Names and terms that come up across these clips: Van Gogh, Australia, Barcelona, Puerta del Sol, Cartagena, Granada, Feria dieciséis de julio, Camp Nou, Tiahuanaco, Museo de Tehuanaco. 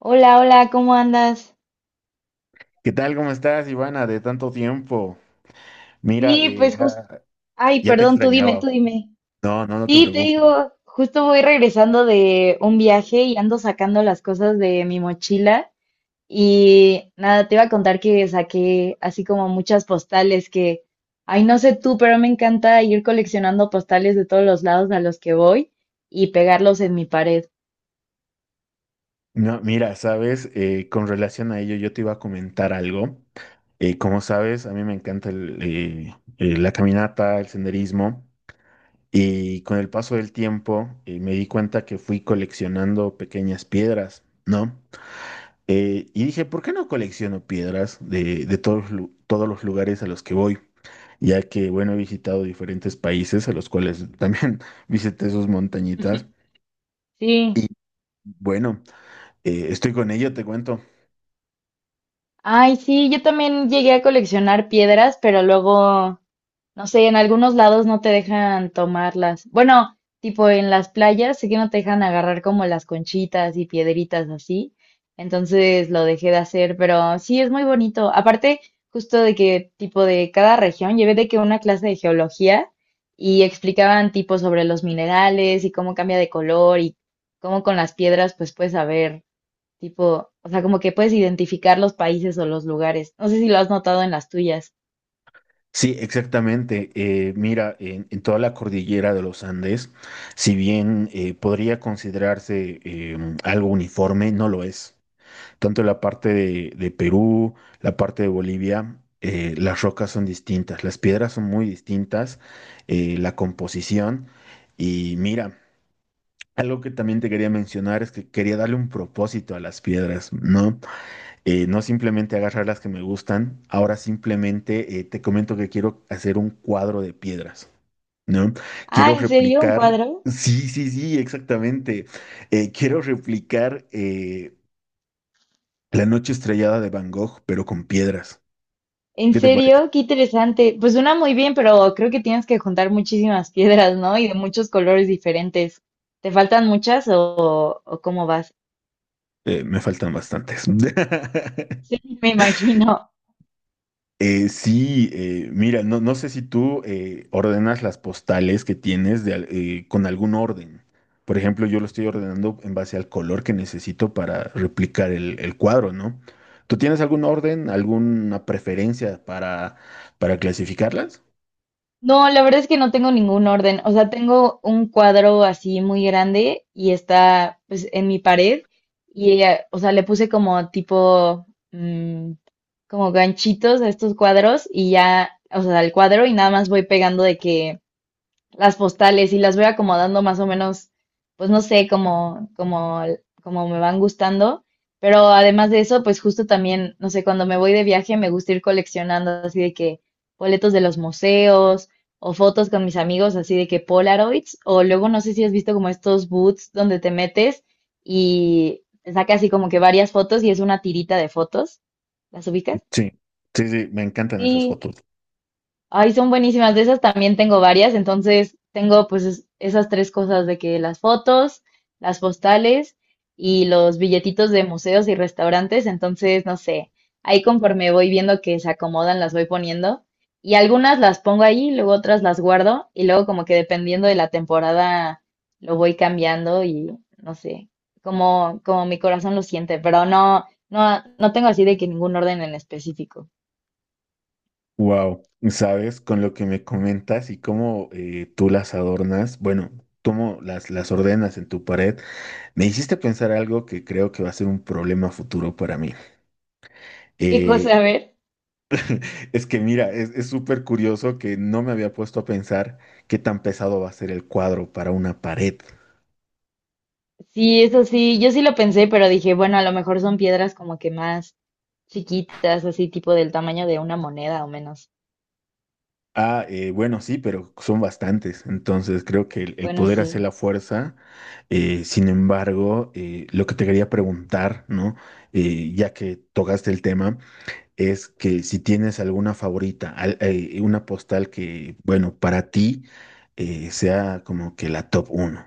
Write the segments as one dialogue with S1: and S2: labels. S1: Hola, hola, ¿cómo andas?
S2: ¿Qué tal? ¿Cómo estás, Ivana? De tanto tiempo. Mira,
S1: Sí, pues justo.
S2: ya,
S1: Ay,
S2: ya te
S1: perdón, tú dime, tú
S2: extrañaba.
S1: dime.
S2: No, no, no te
S1: Sí, te
S2: preocupes.
S1: digo, justo voy regresando de un viaje y ando sacando las cosas de mi mochila. Y nada, te iba a contar que saqué así como muchas postales que, ay, no sé tú, pero me encanta ir coleccionando postales de todos los lados a los que voy y pegarlos en mi pared.
S2: No, mira, sabes. Con relación a ello, yo te iba a comentar algo. Como sabes, a mí me encanta la caminata, el senderismo. Y con el paso del tiempo, me di cuenta que fui coleccionando pequeñas piedras, ¿no? Y dije, ¿por qué no colecciono piedras de todos, todos los lugares a los que voy? Ya que, bueno, he visitado diferentes países a los cuales también visité sus montañitas. Y
S1: Sí.
S2: bueno, estoy con ello, te cuento.
S1: Ay, sí, yo también llegué a coleccionar piedras, pero luego. No sé, en algunos lados no te dejan tomarlas. Bueno, tipo en las playas, sé que no te dejan agarrar como las conchitas y piedritas así. Entonces lo dejé de hacer, pero sí es muy bonito. Aparte, justo de que tipo de cada región, llevé de que una clase de geología y explicaban tipo sobre los minerales y cómo cambia de color y cómo con las piedras pues puedes saber, tipo, o sea, como que puedes identificar los países o los lugares. No sé si lo has notado en las tuyas.
S2: Sí, exactamente. Mira, en toda la cordillera de los Andes, si bien podría considerarse algo uniforme, no lo es. Tanto la parte de Perú, la parte de Bolivia, las rocas son distintas, las piedras son muy distintas, la composición. Y mira, algo que también te quería mencionar es que quería darle un propósito a las piedras, ¿no? No simplemente agarrar las que me gustan, ahora simplemente te comento que quiero hacer un cuadro de piedras, ¿no? Quiero
S1: Ah, ¿en serio? ¿Un
S2: replicar,
S1: cuadro?
S2: sí, sí, sí, exactamente. Quiero replicar La noche estrellada de Van Gogh, pero con piedras.
S1: ¿En
S2: ¿Qué te parece?
S1: serio? Qué interesante. Pues suena muy bien, pero creo que tienes que juntar muchísimas piedras, ¿no? Y de muchos colores diferentes. ¿Te faltan muchas o cómo vas?
S2: Me faltan bastantes.
S1: Sí, me imagino.
S2: Sí, mira, no, no sé si tú ordenas las postales que tienes con algún orden. Por ejemplo, yo lo estoy ordenando en base al color que necesito para replicar el cuadro, ¿no? ¿Tú tienes algún orden, alguna preferencia para clasificarlas?
S1: No, la verdad es que no tengo ningún orden. O sea, tengo un cuadro así muy grande y está pues en mi pared y, o sea, le puse como tipo, mm, como ganchitos a estos cuadros y ya, o sea, al cuadro y nada más voy pegando de que las postales y las voy acomodando más o menos, pues no sé, como me van gustando. Pero además de eso, pues justo también, no sé, cuando me voy de viaje me gusta ir coleccionando así de que boletos de los museos o fotos con mis amigos así de que Polaroids o luego no sé si has visto como estos boots donde te metes y te saca así como que varias fotos y es una tirita de fotos. ¿Las ubicas?
S2: Sí, sí, sí, me encantan esas
S1: Sí,
S2: fotos.
S1: ay, son buenísimas. De esas también tengo varias. Entonces, tengo pues esas tres cosas de que las fotos, las postales y los billetitos de museos y restaurantes. Entonces, no sé, ahí conforme voy viendo que se acomodan, las voy poniendo. Y algunas las pongo ahí, luego otras las guardo y luego como que dependiendo de la temporada lo voy cambiando y no sé, como mi corazón lo siente, pero no tengo así de que ningún orden en específico.
S2: Wow, ¿sabes? Con lo que me comentas y cómo tú las adornas, bueno, cómo las ordenas en tu pared. Me hiciste pensar algo que creo que va a ser un problema futuro para mí.
S1: ¿Qué cosa,
S2: Eh,
S1: a ver?
S2: es que mira, es súper curioso que no me había puesto a pensar qué tan pesado va a ser el cuadro para una pared.
S1: Sí, eso sí, yo sí lo pensé, pero dije, bueno, a lo mejor son piedras como que más chiquitas, así tipo del tamaño de una moneda o menos.
S2: Ah, bueno, sí, pero son bastantes. Entonces creo que el
S1: Bueno,
S2: poder hacer
S1: sí.
S2: la fuerza. Sin embargo, lo que te quería preguntar, ¿no? Ya que tocaste el tema. Es que si tienes alguna favorita, una postal que, bueno, para ti sea como que la top uno.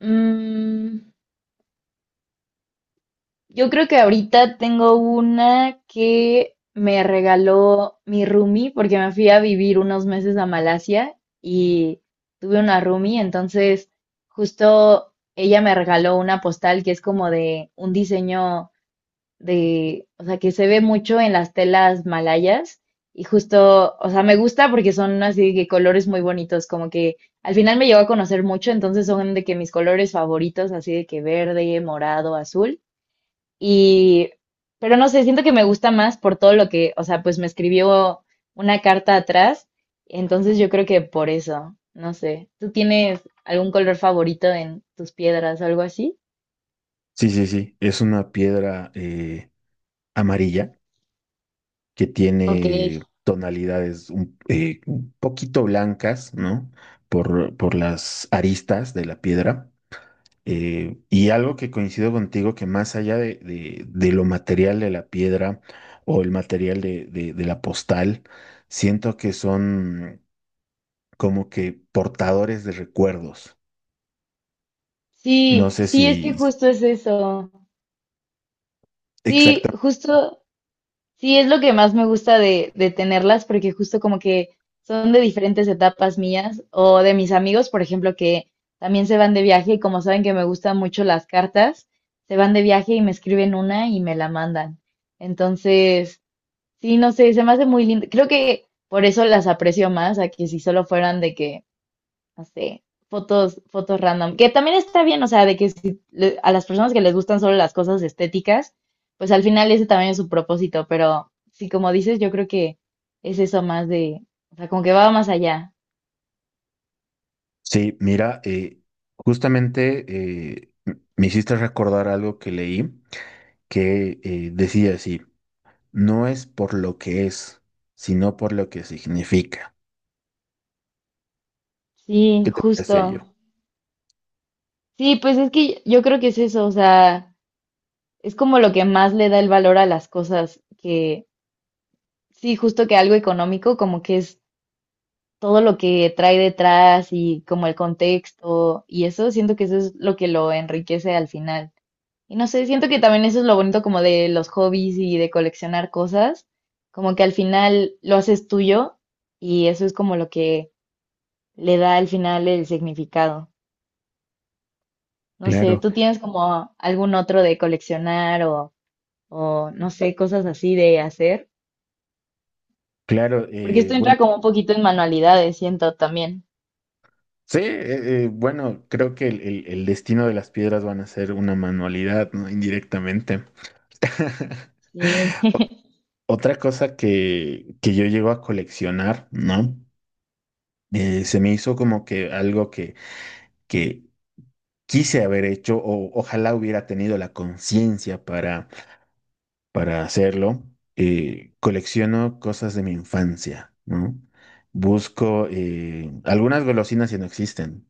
S1: Mm, yo creo que ahorita tengo una que me regaló mi roomie porque me fui a vivir unos meses a Malasia y tuve una roomie, entonces justo ella me regaló una postal que es como de un diseño de, o sea, que se ve mucho en las telas malayas y justo, o sea, me gusta porque son así de que colores muy bonitos, como que al final me llegó a conocer mucho, entonces son de que mis colores favoritos, así de que verde, morado, azul y, pero no sé, siento que me gusta más por todo lo que, o sea, pues me escribió una carta atrás, entonces yo creo que por eso, no sé, ¿tú tienes algún color favorito en tus piedras o algo así?
S2: Sí, sí, sí, es una piedra amarilla que
S1: Ok,
S2: tiene tonalidades un poquito blancas, ¿no? Por las aristas de la piedra. Y algo que coincido contigo, que más allá de, de lo material de la piedra o el material de de la postal, siento que son como que portadores de recuerdos. No
S1: sí,
S2: sé
S1: sí,
S2: si
S1: es que justo es eso. Sí,
S2: exactamente.
S1: justo, sí es lo que más me gusta de tenerlas, porque justo como que son de diferentes etapas mías o de mis amigos, por ejemplo, que también se van de viaje y como saben que me gustan mucho las cartas, se van de viaje y me escriben una y me la mandan. Entonces, sí, no sé, se me hace muy lindo. Creo que por eso las aprecio más a que si solo fueran de que no sé, fotos, fotos random, que también está bien, o sea, de que si a las personas que les gustan solo las cosas estéticas, pues al final ese también es su propósito, pero sí, como dices, yo creo que es eso más de, o sea, como que va más allá.
S2: Sí, mira, justamente eh, me hiciste recordar algo que leí que decía así, no es por lo que es, sino por lo que significa.
S1: Sí,
S2: ¿Qué te parece ello?
S1: justo. Sí, pues es que yo creo que es eso, o sea, es como lo que más le da el valor a las cosas, que sí, justo que algo económico, como que es todo lo que trae detrás y como el contexto y eso, siento que eso es lo que lo enriquece al final. Y no sé, siento que también eso es lo bonito como de los hobbies y de coleccionar cosas, como que al final lo haces tuyo y eso es como lo que le da al final el significado. No sé,
S2: Claro,
S1: ¿tú tienes como algún otro de coleccionar o no sé, cosas así de hacer?
S2: claro,
S1: Porque esto
S2: bueno,
S1: entra como un poquito en manualidades, siento también.
S2: sí, bueno, creo que el, el destino de las piedras van a ser una manualidad, ¿no? Indirectamente.
S1: Sí,
S2: Otra cosa que yo llego a coleccionar, ¿no? Se me hizo como que algo que quise haber hecho o ojalá hubiera tenido la conciencia para hacerlo. Colecciono cosas de mi infancia, ¿no? Busco algunas golosinas que no existen.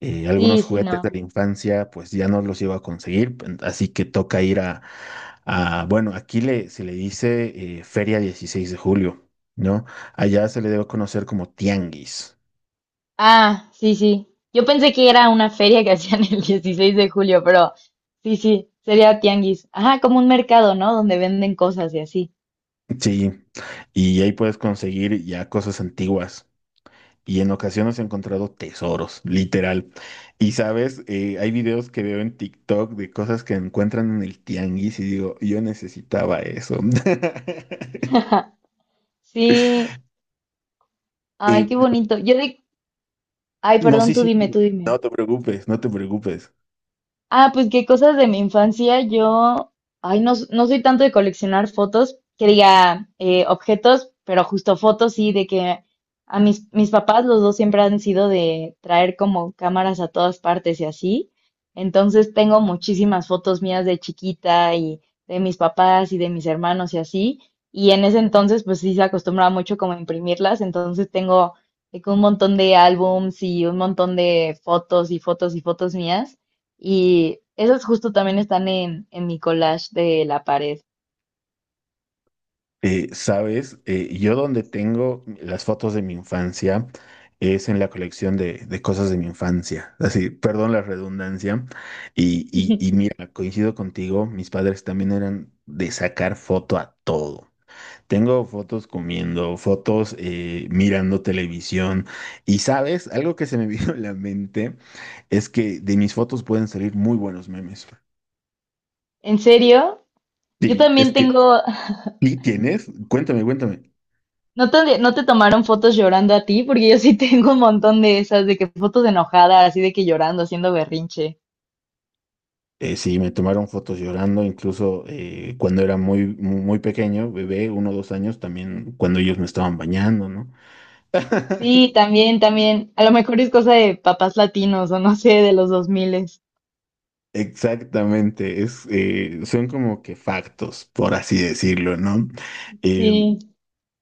S2: Algunos
S1: sí, sí,
S2: juguetes de la
S1: no.
S2: infancia, pues ya no los iba a conseguir, así que toca ir a, bueno, aquí le, se le dice Feria 16 de julio, ¿no? Allá se le debe conocer como tianguis,
S1: Ah, sí, sí. Yo pensé que era una feria que hacían el 16 de julio, pero sí, sí, sería tianguis. Ajá, como un mercado, ¿no? Donde venden cosas y así.
S2: sí, y ahí puedes conseguir ya cosas antiguas. Y en ocasiones he encontrado tesoros, literal. Y sabes, hay videos que veo en TikTok de cosas que encuentran en el tianguis y digo, yo necesitaba eso.
S1: Sí,
S2: Eh,
S1: ay, qué bonito. Yo de... Ay,
S2: No,
S1: perdón,
S2: sí,
S1: tú
S2: sí,
S1: dime, tú
S2: dime.
S1: dime.
S2: No te preocupes, no te preocupes.
S1: Ah, pues qué cosas de mi infancia. Yo, ay, no, no soy tanto de coleccionar fotos, que diga objetos, pero justo fotos, sí, de que a mis papás los dos siempre han sido de traer como cámaras a todas partes y así. Entonces tengo muchísimas fotos mías de chiquita y de mis papás y de mis hermanos y así. Y en ese entonces, pues sí se acostumbraba mucho como a imprimirlas. Entonces tengo de que un montón de álbums y un montón de fotos mías. Y esos justo también están en mi collage de la pared.
S2: Sabes, yo donde tengo las fotos de mi infancia es en la colección de cosas de mi infancia. Así, perdón la redundancia. Y mira, coincido contigo, mis padres también eran de sacar foto a todo. Tengo fotos comiendo, fotos mirando televisión. Y sabes, algo que se me vino a la mente es que de mis fotos pueden salir muy buenos memes.
S1: ¿En serio? Yo
S2: Sí, es
S1: también
S2: que
S1: tengo,
S2: ¿y tienes? Cuéntame, cuéntame.
S1: no te tomaron fotos llorando a ti? Porque yo sí tengo un montón de esas, de que fotos enojadas, así de que llorando, haciendo berrinche.
S2: Sí, me tomaron fotos llorando, incluso cuando era muy, muy, muy pequeño, bebé, 1 o 2 años, también cuando ellos me estaban bañando, ¿no?
S1: Sí, también, también. A lo mejor es cosa de papás latinos o no sé, de los dos miles.
S2: Exactamente, es, son como que factos, por así decirlo, ¿no? Eh,
S1: Sí.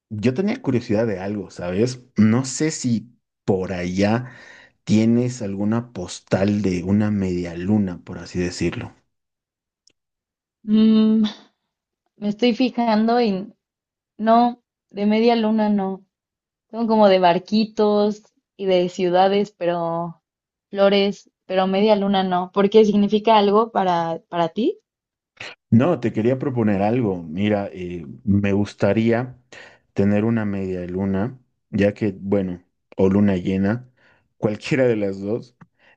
S2: yo tenía curiosidad de algo, ¿sabes? No sé si por allá tienes alguna postal de una media luna, por así decirlo.
S1: Mm, me estoy fijando y no, de media luna no. Son como de barquitos y de ciudades, pero flores, pero media luna no. Porque ¿significa algo para ti?
S2: No, te quería proponer algo. Mira, me gustaría tener una media luna, ya que, bueno, o luna llena, cualquiera de las dos,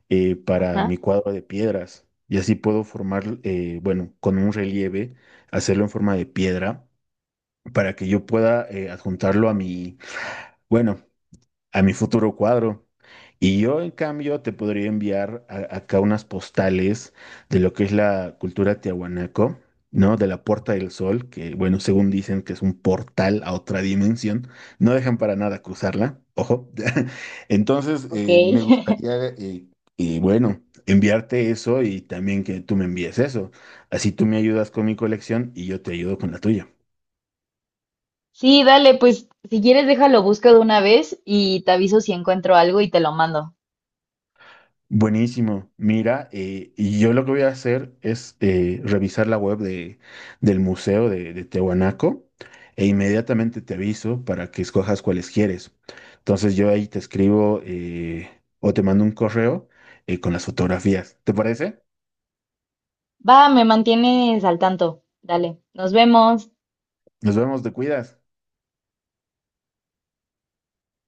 S2: para
S1: Ajá,
S2: mi cuadro de piedras. Y así puedo formar, bueno, con un relieve, hacerlo en forma de piedra, para que yo pueda adjuntarlo a mi, bueno, a mi futuro cuadro. Y yo, en cambio, te podría enviar acá unas postales de lo que es la cultura tiahuanaco, ¿no? De la Puerta del Sol, que, bueno, según dicen que es un portal a otra dimensión, no dejan para nada cruzarla, ojo. Entonces,
S1: ok.
S2: me gustaría, y bueno, enviarte eso y también que tú me envíes eso. Así tú me ayudas con mi colección y yo te ayudo con la tuya.
S1: Sí, dale, pues si quieres déjalo busco de una vez y te aviso si encuentro algo y te lo mando.
S2: Buenísimo. Mira, y yo lo que voy a hacer es revisar la web de, del Museo de Tehuanaco e inmediatamente te aviso para que escojas cuáles quieres. Entonces yo ahí te escribo o te mando un correo con las fotografías. ¿Te parece?
S1: Va, me mantienes al tanto. Dale, nos vemos.
S2: Nos vemos, te cuidas.